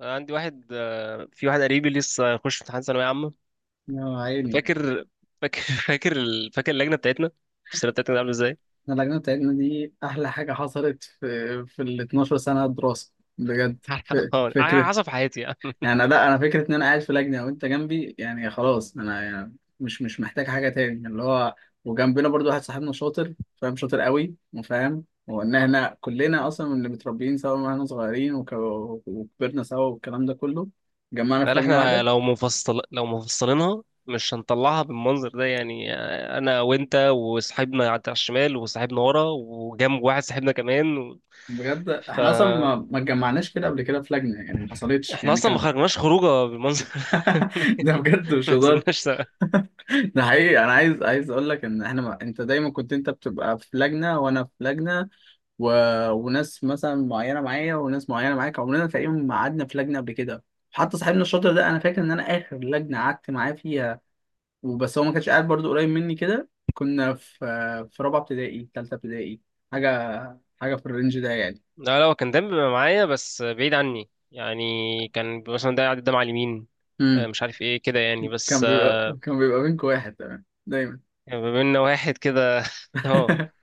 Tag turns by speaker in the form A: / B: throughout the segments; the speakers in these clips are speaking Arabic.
A: عندي واحد، في واحد قريبي لسه هيخش امتحان ثانوية عامة.
B: يا عيني.
A: فاكر فاكر فاكر اللجنة بتاعتنا. السنة بتاعتنا كانت عاملة ازاي؟
B: انا اللجنه بتاعتنا دي احلى حاجه حصلت في ال 12 سنه دراسه بجد
A: على
B: فكره.
A: حسب حياتي يعني.
B: يعني لا، انا فكره ان انا قاعد في لجنه وانت جنبي، يعني خلاص انا يعني مش محتاج حاجه تاني اللي هو. وجنبنا برضو واحد صاحبنا شاطر، فاهم، شاطر قوي وفاهم، وان احنا كلنا اصلا من اللي متربيين سوا من واحنا صغيرين وكبرنا سوا والكلام ده كله، جمعنا في
A: قال
B: لجنه
A: احنا
B: واحده.
A: لو مفصلينها مش هنطلعها بالمنظر ده، يعني انا وانت وصاحبنا على الشمال، وصاحبنا ورا، وجنب واحد صاحبنا كمان، و.
B: بجد احنا اصلا
A: فاحنا
B: ما اتجمعناش كده قبل كده في لجنه، يعني ما حصلتش يعني
A: اصلا ما
B: كانت.
A: خرجناش خروجه بالمنظر.
B: ده بجد مش
A: ما
B: هزار.
A: نزلناش.
B: ده حقيقي، انا عايز اقول لك ان احنا ما... انت دايما كنت انت بتبقى في لجنه وانا في لجنه، و... وناس مثلا معينه معايا وناس معينه معاك، عمرنا تقريبا ما قعدنا في لجنه قبل كده. حتى صاحبنا الشاطر ده، انا فاكر ان انا اخر لجنه قعدت معاه فيها وبس، هو ما كانش قاعد برضو قريب مني كده، كنا في في رابعه ابتدائي، ثالثه ابتدائي، حاجه، حاجه في الرينج ده يعني.
A: لا، لا، هو كان دايما بيبقى معايا بس بعيد عني يعني. كان مثلا ده قاعد قدام على اليمين.
B: امم.
A: مش عارف ايه كده يعني،
B: كان
A: بس
B: بيبقى كان بيبقى منكم واحد تمام دايما.
A: بما ان واحد كده، اه،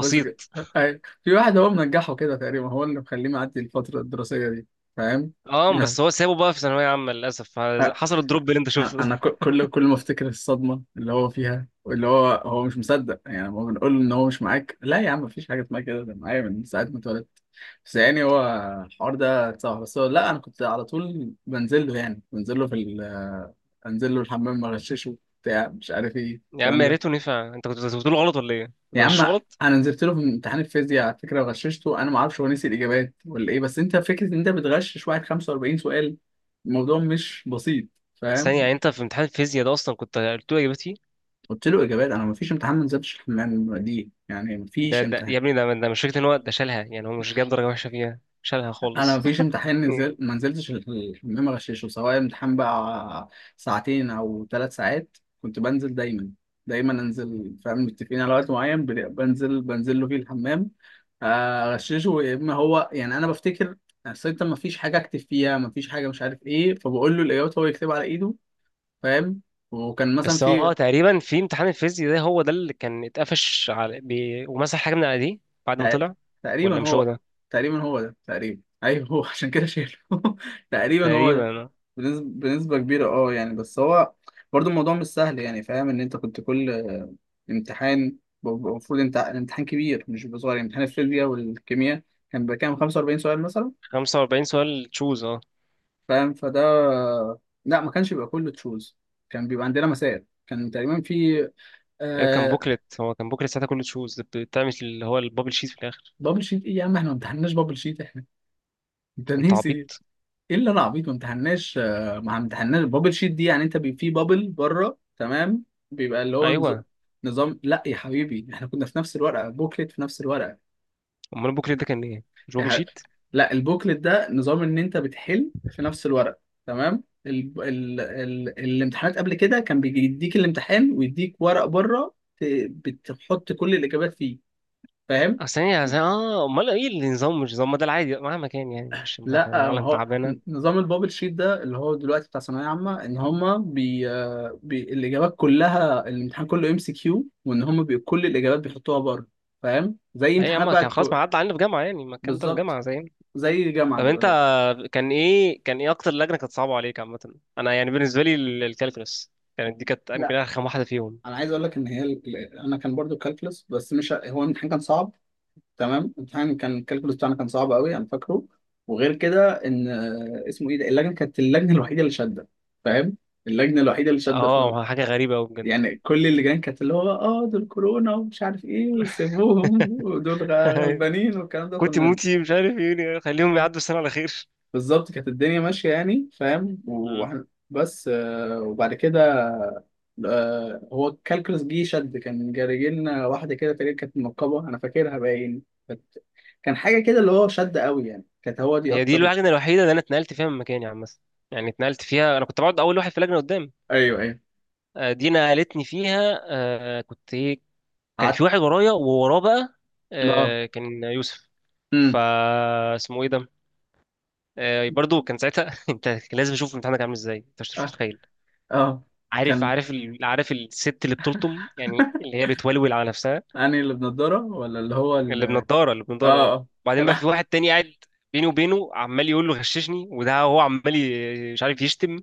B: بس ك- أي. في واحد هو منجحه كده تقريبا، هو اللي مخليه معدي الفترة الدراسية دي. فاهم؟
A: اه،
B: لا.
A: بس هو سابه بقى في ثانوية عامة للأسف.
B: أ-
A: حصل الدروب اللي انت شفته.
B: أنا كل ما أفتكر الصدمة اللي هو فيها، واللي هو هو مش مصدق، يعني هو بنقول له إن هو مش معاك، لا يا عم مفيش حاجة اسمها كده، ده معايا من ساعة ما اتولدت. بس يعني هو الحوار ده صعب، بس هو لا، أنا كنت على طول بنزل له، يعني بنزل له في ال... أنزل له الحمام أغششه بتاع مش عارف إيه
A: يا عم،
B: الكلام
A: يا
B: ده.
A: ريته نفع. انت كنت بتقول غلط ولا ايه؟ كنت
B: يا عم
A: مش غلط؟
B: انا نزلت له في امتحان الفيزياء على فكره وغششته، انا ما اعرفش هو نسي الاجابات ولا ايه، بس انت فكره ان انت بتغشش واحد 45 سؤال، الموضوع مش بسيط. فاهم؟
A: ثانية، يعني انت في امتحان الفيزياء ده اصلا كنت قلت له اجابتي؟
B: قلت له اجابات، انا ما فيش امتحان ما نزلتش الحمام دي، يعني ما
A: ده
B: فيش.
A: ده يا ابني، ده مش فكرة ان هو ده شالها، يعني هو مش جاب درجة وحشة فيها، شالها
B: انا
A: خالص.
B: مفيش امتحان نزل ما نزلتش الحمام اغششه، سواء امتحان بقى ساعتين او 3 ساعات، كنت بنزل دايما. دايما انزل، فاهم، متفقين على وقت معين، بنزل، بنزل له فيه الحمام، اغششه يا اما هو، يعني انا بفتكر. اصل انت مفيش حاجه اكتب فيها، مفيش حاجه مش عارف ايه، فبقول له الاجابات هو يكتبها على ايده. فاهم؟ وكان مثلا
A: بس هو
B: في.
A: تقريبا في امتحان الفيزياء ده هو ده اللي كان اتقفش ومسح حاجة من على دي بعد ما
B: تق-
A: طلع. ولا
B: تقريبا
A: مش هو
B: هو،
A: ده؟
B: تقريبا هو ده، تقريبا ايوه هو. عشان كده شايله. تقريبا هو ده.
A: تقريبا
B: بنسبة، بنسبة كبيرة، اه يعني، بس هو برضو الموضوع مش سهل يعني. فاهم ان انت كنت كل امتحان، المفروض انت الامتحان كبير مش بيبقى صغير، يعني امتحان الفيزياء والكيمياء كان بيبقى كام 45 سؤال مثلا.
A: 45 سؤال تشوز، اه.
B: فاهم؟ فده. لا ما كانش بيبقى كله تشوز، كان بيبقى عندنا مسائل، كان تقريبا في
A: يعني كان
B: آه.
A: بوكلت، هو كان بوكلت ساعتها كله تشوز، بتعمل اللي هو البابل شيت في الاخر.
B: بابل شيت ايه يا عم؟ احنا ما امتحناش بابل شيت احنا، انت
A: انت
B: ناسي.
A: عبيط؟
B: ايه اللي انا عبيط؟ ما امتحناش ما امتحناش البابل شيت دي، يعني انت بي في بابل بره تمام، بيبقى اللي هو نظ...
A: ايوه،
B: نظام. لا يا حبيبي، احنا كنا في نفس الورقه بوكلت، في نفس الورقه.
A: امال البوكلت ده كان ايه، مش
B: يا
A: بابل
B: حبيبي،
A: شيت؟
B: لا البوكلت ده نظام ان انت بتحل في نفس الورقه، تمام. ال... ال... ال... الامتحانات قبل كده كان بيديك الامتحان ويديك ورق بره، ت... بتحط كل الاجابات فيه. فاهم؟
A: اصل هي اه، امال ايه النظام؟ مش نظام، ما ده العادي مهما كان، يعني مش احنا
B: لا ما
A: عالم
B: هو
A: تعبانه.
B: نظام البابل شيت ده اللي هو دلوقتي بتاع ثانويه عامه، ان هما بي... بي... الاجابات كلها الامتحان كله ام سي كيو، وان هما بي... كل الاجابات بيحطوها بره. فاهم؟ زي
A: اي يا
B: امتحانات
A: عم،
B: بقى
A: كان خلاص
B: الكو...
A: ما عدى علينا في جامعه، يعني ما الكلام ده في
B: بالظبط،
A: جامعه زي.
B: زي الجامعه
A: طب انت،
B: دلوقتي.
A: كان ايه اكتر لجنه كانت صعبه عليك عامه؟ انا يعني بالنسبه لي الكالكولس، كانت دي كانت يمكن
B: لا،
A: ارخم واحده فيهم.
B: انا عايز اقول لك ان هي ال... انا كان برضو كالكلس، بس مش هو الامتحان كان صعب، تمام. الامتحان كان الكالكلس بتاعنا كان صعب قوي انا فاكره. وغير كده ان اسمه ايه ده، اللجنه كانت اللجنه الوحيده اللي شاده، فاهم؟ اللجنه الوحيده اللي شاده.
A: اه، حاجه غريبه قوي بجد.
B: يعني كل اللي جايين كانت اللي هو اه دول كورونا ومش عارف ايه وسيبوهم ودول غلبانين والكلام ده،
A: كنت
B: كنا.
A: موتي، مش عارف ايه، يعني خليهم يعدوا السنه على خير.
B: بالظبط كانت الدنيا ماشية يعني، فاهم،
A: مم.
B: وإحنا. بس وبعد كده هو الكالكولس جه شد، كان جاري لنا واحدة كده تقريبا، كانت منقبة، أنا فاكرها باين، كانت كان حاجة كده اللي هو شد قوي يعني، كانت هو دي
A: هي دي
B: أكتر.
A: اللجنه الوحيده اللي انا اتنقلت فيها من مكاني عامه. يعني اتنقلت فيها، انا كنت بقعد اول واحد في اللجنه قدام.
B: أيوه أيوه،
A: دي نقلتني فيها، كنت ايه. كان في
B: قعدت.
A: واحد ورايا، ووراه بقى
B: اه،
A: كان يوسف. فا
B: امم،
A: اسمه ايه ده. برضو كان ساعتها، انت، كان لازم اشوف امتحانك عامل ازاي، انت مش
B: اه
A: متخيل.
B: اه،
A: عارف
B: كان.
A: عارف ال... عارف الست اللي بتلطم، يعني اللي هي بتولول على نفسها.
B: أنهي؟ اللي بنضارة ولا اللي هو ال؟
A: اللي بنضاره
B: اه
A: اه.
B: اه،
A: وبعدين
B: كان.
A: بقى في واحد تاني قاعد بيني وبينه عمال يقول له غششني، وده هو عمال مش عارف يشتم.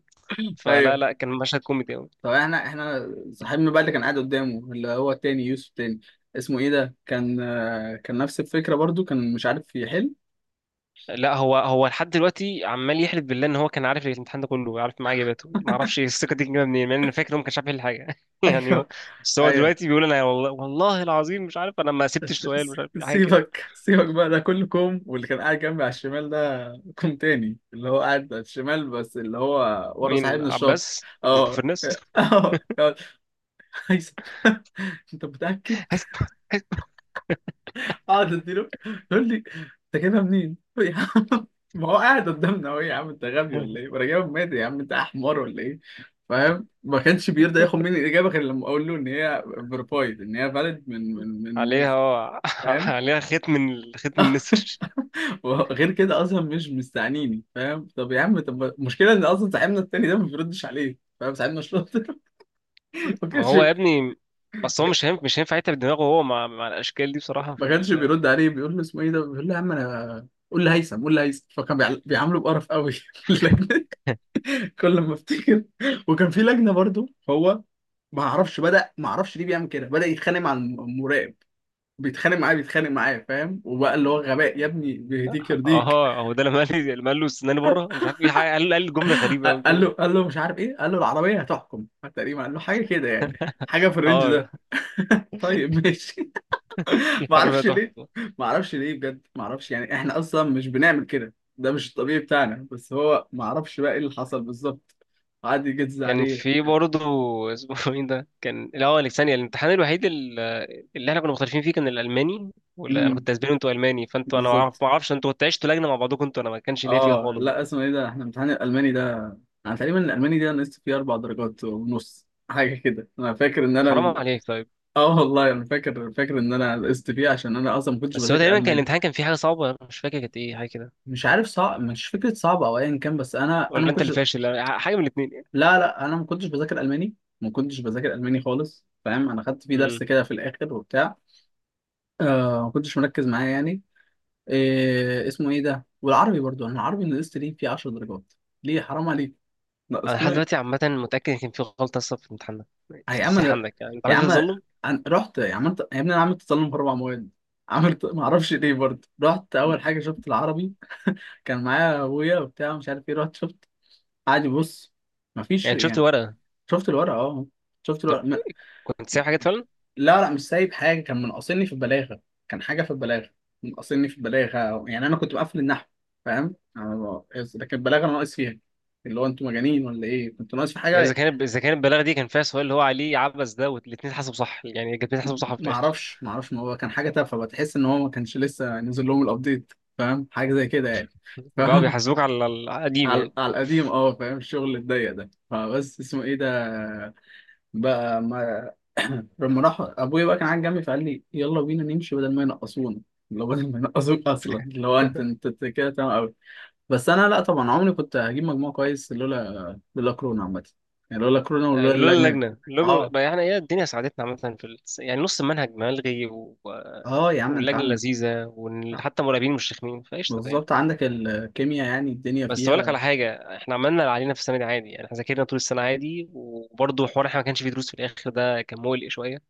A: فلا،
B: ايوه،
A: لا، كان مشهد كوميدي قوي.
B: طب احنا، احنا صاحبنا بقى اللي كان قاعد قدامه اللي هو التاني، يوسف تاني، اسمه ايه ده، كان كان نفس الفكره برضو، كان مش عارف يحل.
A: لا، هو لحد دلوقتي عمال يحلف بالله ان هو كان عارف الامتحان ده كله، عارف معاه اجاباته، ما اعرفش. إيه الثقه دي جايه منين؟ لان انا فاكر إن هو ما كانش عارف يحل حاجه. يعني هو،
B: ايوه
A: بس هو
B: ايوه،
A: دلوقتي بيقول انا والله، والله العظيم مش عارف، انا ما سبتش سؤال، مش عارف إيه، حاجه كده.
B: سيبك، سيبك بقى، ده كله كوم، واللي كان قاعد جنبي على الشمال ده كوم تاني. اللي هو قاعد على الشمال بس اللي هو ورا
A: مين؟
B: صاحبنا الشاطر.
A: عباس ابن
B: اه
A: الفرنس؟
B: اه، يقعد، هيثم. انت متاكد؟
A: هسمع. هسمع.
B: اقعد اديله، يقول لي انت جايبها منين؟ قلت له يا عم ما هو قاعد قدامنا اهو، يا عم انت غبي ولا ايه؟ وانا جايبها مادي، يا عم انت احمر ولا ايه؟ فاهم؟ ما كانش بيرضى ياخد مني الاجابه غير لما اقول له ان هي فيرفايد، ان هي فاليد من
A: عليها
B: ناس.
A: اه
B: فاهم؟
A: عليها خيط، من النسر.
B: وغير كده اصلا مش مستعنيني، فاهم؟ طب يا عم، طب المشكله ان اصلا صاحبنا التاني ده ما بيردش عليه، فاهم؟ صاحبنا شاطر. ما
A: ما
B: كانش
A: هو يا ابني، بس هو مش هينفع يتعب دماغه هو مع الاشكال دي بصراحه
B: ما كانش بيرد عليه، بيقول له اسمه ايه ده؟ بيقول له يا عم انا قول لي هيثم، قول لي هيثم، فكان بيعامله بقرف قوي. كل ما افتكر. وكان في لجنه برضو هو، ما اعرفش بدا، ما اعرفش ليه بيعمل كده، بدا يتخانق مع المراقب، بيتخانق معاه، بيتخانق معاه، فاهم، وبقى اللي هو غباء يا ابني بيهديك يرضيك.
A: اه، هو ده، لما قال لي، لما قال له استناني بره، مش عارف ايه قال جمله غريبه قوي
B: قال له،
A: كده.
B: قال له مش عارف ايه، قال له العربيه هتحكم، تقريبا قال له حاجه كده يعني، حاجه في الرينج
A: اه.
B: ده. طيب ماشي. ما
A: الحرب
B: اعرفش
A: ده
B: ليه،
A: تحفة.
B: ما اعرفش ليه بجد، ما اعرفش، يعني احنا اصلا مش بنعمل كده، ده مش الطبيعي بتاعنا، بس هو ما اعرفش بقى ايه اللي حصل بالظبط، قعد يجز
A: كان
B: عليه.
A: في برضه، اسمه ايه ده، كان، لا هو ثانية، الامتحان الوحيد اللي احنا كنا مختلفين فيه كان الالماني، ولا انا
B: امم.
A: كنت اسباني وانتوا الماني، فانتوا انا
B: بالظبط.
A: ما اعرفش انتوا كنتوا عشتوا لجنه مع بعضكم انتوا، انا ما كانش ليا فيها
B: اه
A: خالص.
B: لا، اسمه ايه ده، احنا امتحان الالماني ده، انا تقريبا الالماني ده نقصت فيه 4.5 درجات حاجه كده، انا فاكر ان انا
A: حرام
B: ال.
A: عليك طيب.
B: اه والله انا فاكر، فاكر ان انا نقصت فيه عشان انا اصلا ما كنتش
A: بس هو
B: بذاكر
A: تقريبا كان
B: الماني.
A: الامتحان كان فيه حاجه صعبه، أنا مش فاكر كانت ايه، حاجه كده.
B: مش عارف، صعب مش فكره، صعب او ايا كان، بس انا
A: ولا
B: ما
A: انت اللي
B: كنتش.
A: فاشل؟ حاجه من الاثنين يعني.
B: لا لا، انا ما كنتش بذاكر الماني، ما كنتش بذاكر الماني خالص، فاهم، انا خدت فيه
A: امم.
B: درس كده في الاخر وبتاع آه، ما كنتش مركز معاه يعني. إيه اسمه ايه ده، والعربي برضو، انا العربي نقصت ليه فيه 10 درجات. ليه؟ حرام عليك،
A: انا لحد
B: نقصتوني.
A: دلوقتي عامه متاكد ان كان في غلطه اصلا في الامتحان ده، في
B: يا عم
A: التصحيح
B: انا،
A: عندك، يعني انت
B: يا
A: عملت
B: عم
A: تظلم.
B: أنا رحت يا عم انت، يا ابني انا عملت تسلم في 4 مواد، عملت. ما اعرفش ليه برضه، رحت اول حاجه شفت العربي، كان معايا ابويا وبتاع مش عارف ايه، رحت شفت، قعد يبص، ما
A: يعني
B: فيش
A: أنت شفت
B: يعني.
A: الورقه؟
B: شفت الورقه، اه شفت الورقه
A: طب
B: ما...
A: كنت سايب حاجات؟
B: لا لا مش سايب حاجه، كان منقصني في البلاغه، كان حاجه في البلاغه، منقصني في البلاغه، يعني انا كنت مقفل النحو، فاهم، لكن البلاغه أنا ناقص فيها، اللي هو انتوا مجانين ولا ايه؟ كنت ناقص في
A: يعني
B: حاجه؟
A: اذا كان البلاغه دي كان فيها سؤال اللي هو عليه عبس ده، والاثنين اتحسبوا صح، يعني الاثنين اتحسبوا صح في
B: ما
A: الاخر؟
B: اعرفش، ما اعرفش، ما هو كان حاجه تافهه، بتحس ان هو ما كانش لسه نزل لهم الابديت، فاهم، حاجه زي كده يعني،
A: هم بقوا
B: فاهم.
A: بيحاسبوك على القديم
B: على،
A: يعني.
B: على القديم، اه فاهم، الشغل الضيق ده، فبس اسمه ايه ده، بقى ما. لما راح ابويا بقى، كان قاعد جنبي فقال لي يلا بينا نمشي بدل ما ينقصونا، لو بدل ما ينقصوك اصلا لو انت، انت أنت كده تمام قوي. بس انا لا، طبعا عمري كنت هجيب مجموع كويس لولا، لولا كورونا عامه، يعني لولا كورونا ولولا
A: لولا
B: اللجنه.
A: اللجنه
B: اه،
A: بقى. يعني ايه، الدنيا ساعدتنا عامه يعني نص المنهج ملغي، و.
B: اه. يا عم انت
A: واللجنه
B: عنك،
A: لذيذه، وحتى المراقبين مش رخمين، فقشطه يعني.
B: بالظبط عندك الكيمياء، يعني الدنيا
A: بس اقول لك على
B: فيها.
A: حاجه، احنا عملنا اللي علينا في السنه دي عادي، يعني احنا ذاكرنا طول السنه عادي، وبرضه حوار احنا ما كانش فيه دروس في الاخر، ده كان مقلق شويه،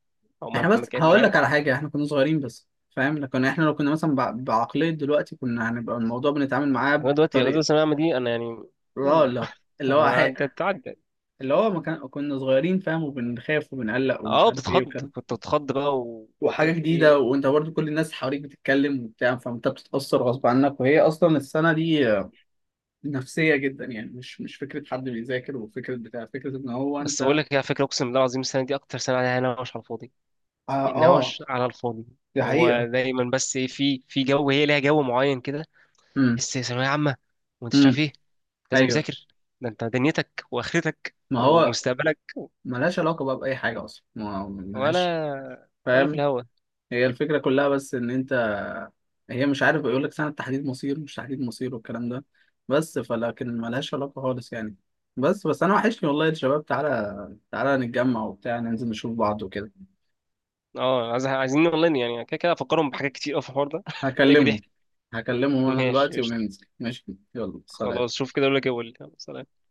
A: او
B: احنا
A: مهما
B: بس
A: كان، مش
B: هقول
A: عارف.
B: لك على حاجه، احنا كنا صغيرين بس، فاهم، لكن احنا لو كنا مثلا بعقليه دلوقتي كنا هنبقى الموضوع بنتعامل معاه
A: انا دلوقتي
B: بطريقه.
A: الثانويه العامه دي، انا يعني،
B: لا
A: يلا.
B: لا، اللي هو حق.
A: هتعدي.
B: اللي هو ما كان كنا صغيرين، فاهم، وبنخاف وبنقلق ومش
A: اه،
B: عارف ايه
A: بتتخض.
B: وكده،
A: كنت بتخض بقى، ومش
B: وحاجه
A: عارف
B: جديده،
A: ايه.
B: وانت برضو كل الناس حواليك بتتكلم وبتاع، فانت بتتاثر غصب عنك. وهي اصلا السنه دي نفسيه جدا يعني، مش فكره حد بيذاكر وفكره بتاع، فكره ان هو
A: بس
B: انت.
A: بقول لك ايه، على فكره اقسم بالله العظيم السنه دي اكتر سنه عليها نوش على الفاضي.
B: اه، آه.
A: نوش على الفاضي.
B: دي
A: هو
B: حقيقه.
A: دايما، بس ايه، في جو، هي ليها جو معين كده.
B: امم.
A: تحس ثانويه عامه، وانت مش
B: امم.
A: عارف ايه. لازم
B: ايوه.
A: تذاكر. ده انت دنيتك واخرتك
B: ما هو
A: ومستقبلك.
B: ملهاش علاقة بقى بأي حاجة أصلا، ما ملهاش.
A: ولا في
B: فاهم؟
A: الهوا.
B: هي الفكرة كلها بس إن أنت، هي مش عارف، بيقول لك سنة تحديد مصير، مش تحديد مصير والكلام ده، بس فلكن ملهاش علاقة خالص يعني. بس أنا وحشني والله الشباب، تعالى تعالى نتجمع وبتاع ننزل نشوف بعض وكده.
A: اه، عايزين اونلاين، يعني كده كده افكرهم بحاجات كتير قوي في الحوار ده، تلاقي في
B: هكلمهم
A: ضحك.
B: هكلمهم أنا
A: ماشي
B: دلوقتي
A: قشطة.
B: وننزل، ماشي. يلا
A: خلاص
B: سلام.
A: شوف كده، اقول لك ايه وقول لي. يلا، سلام.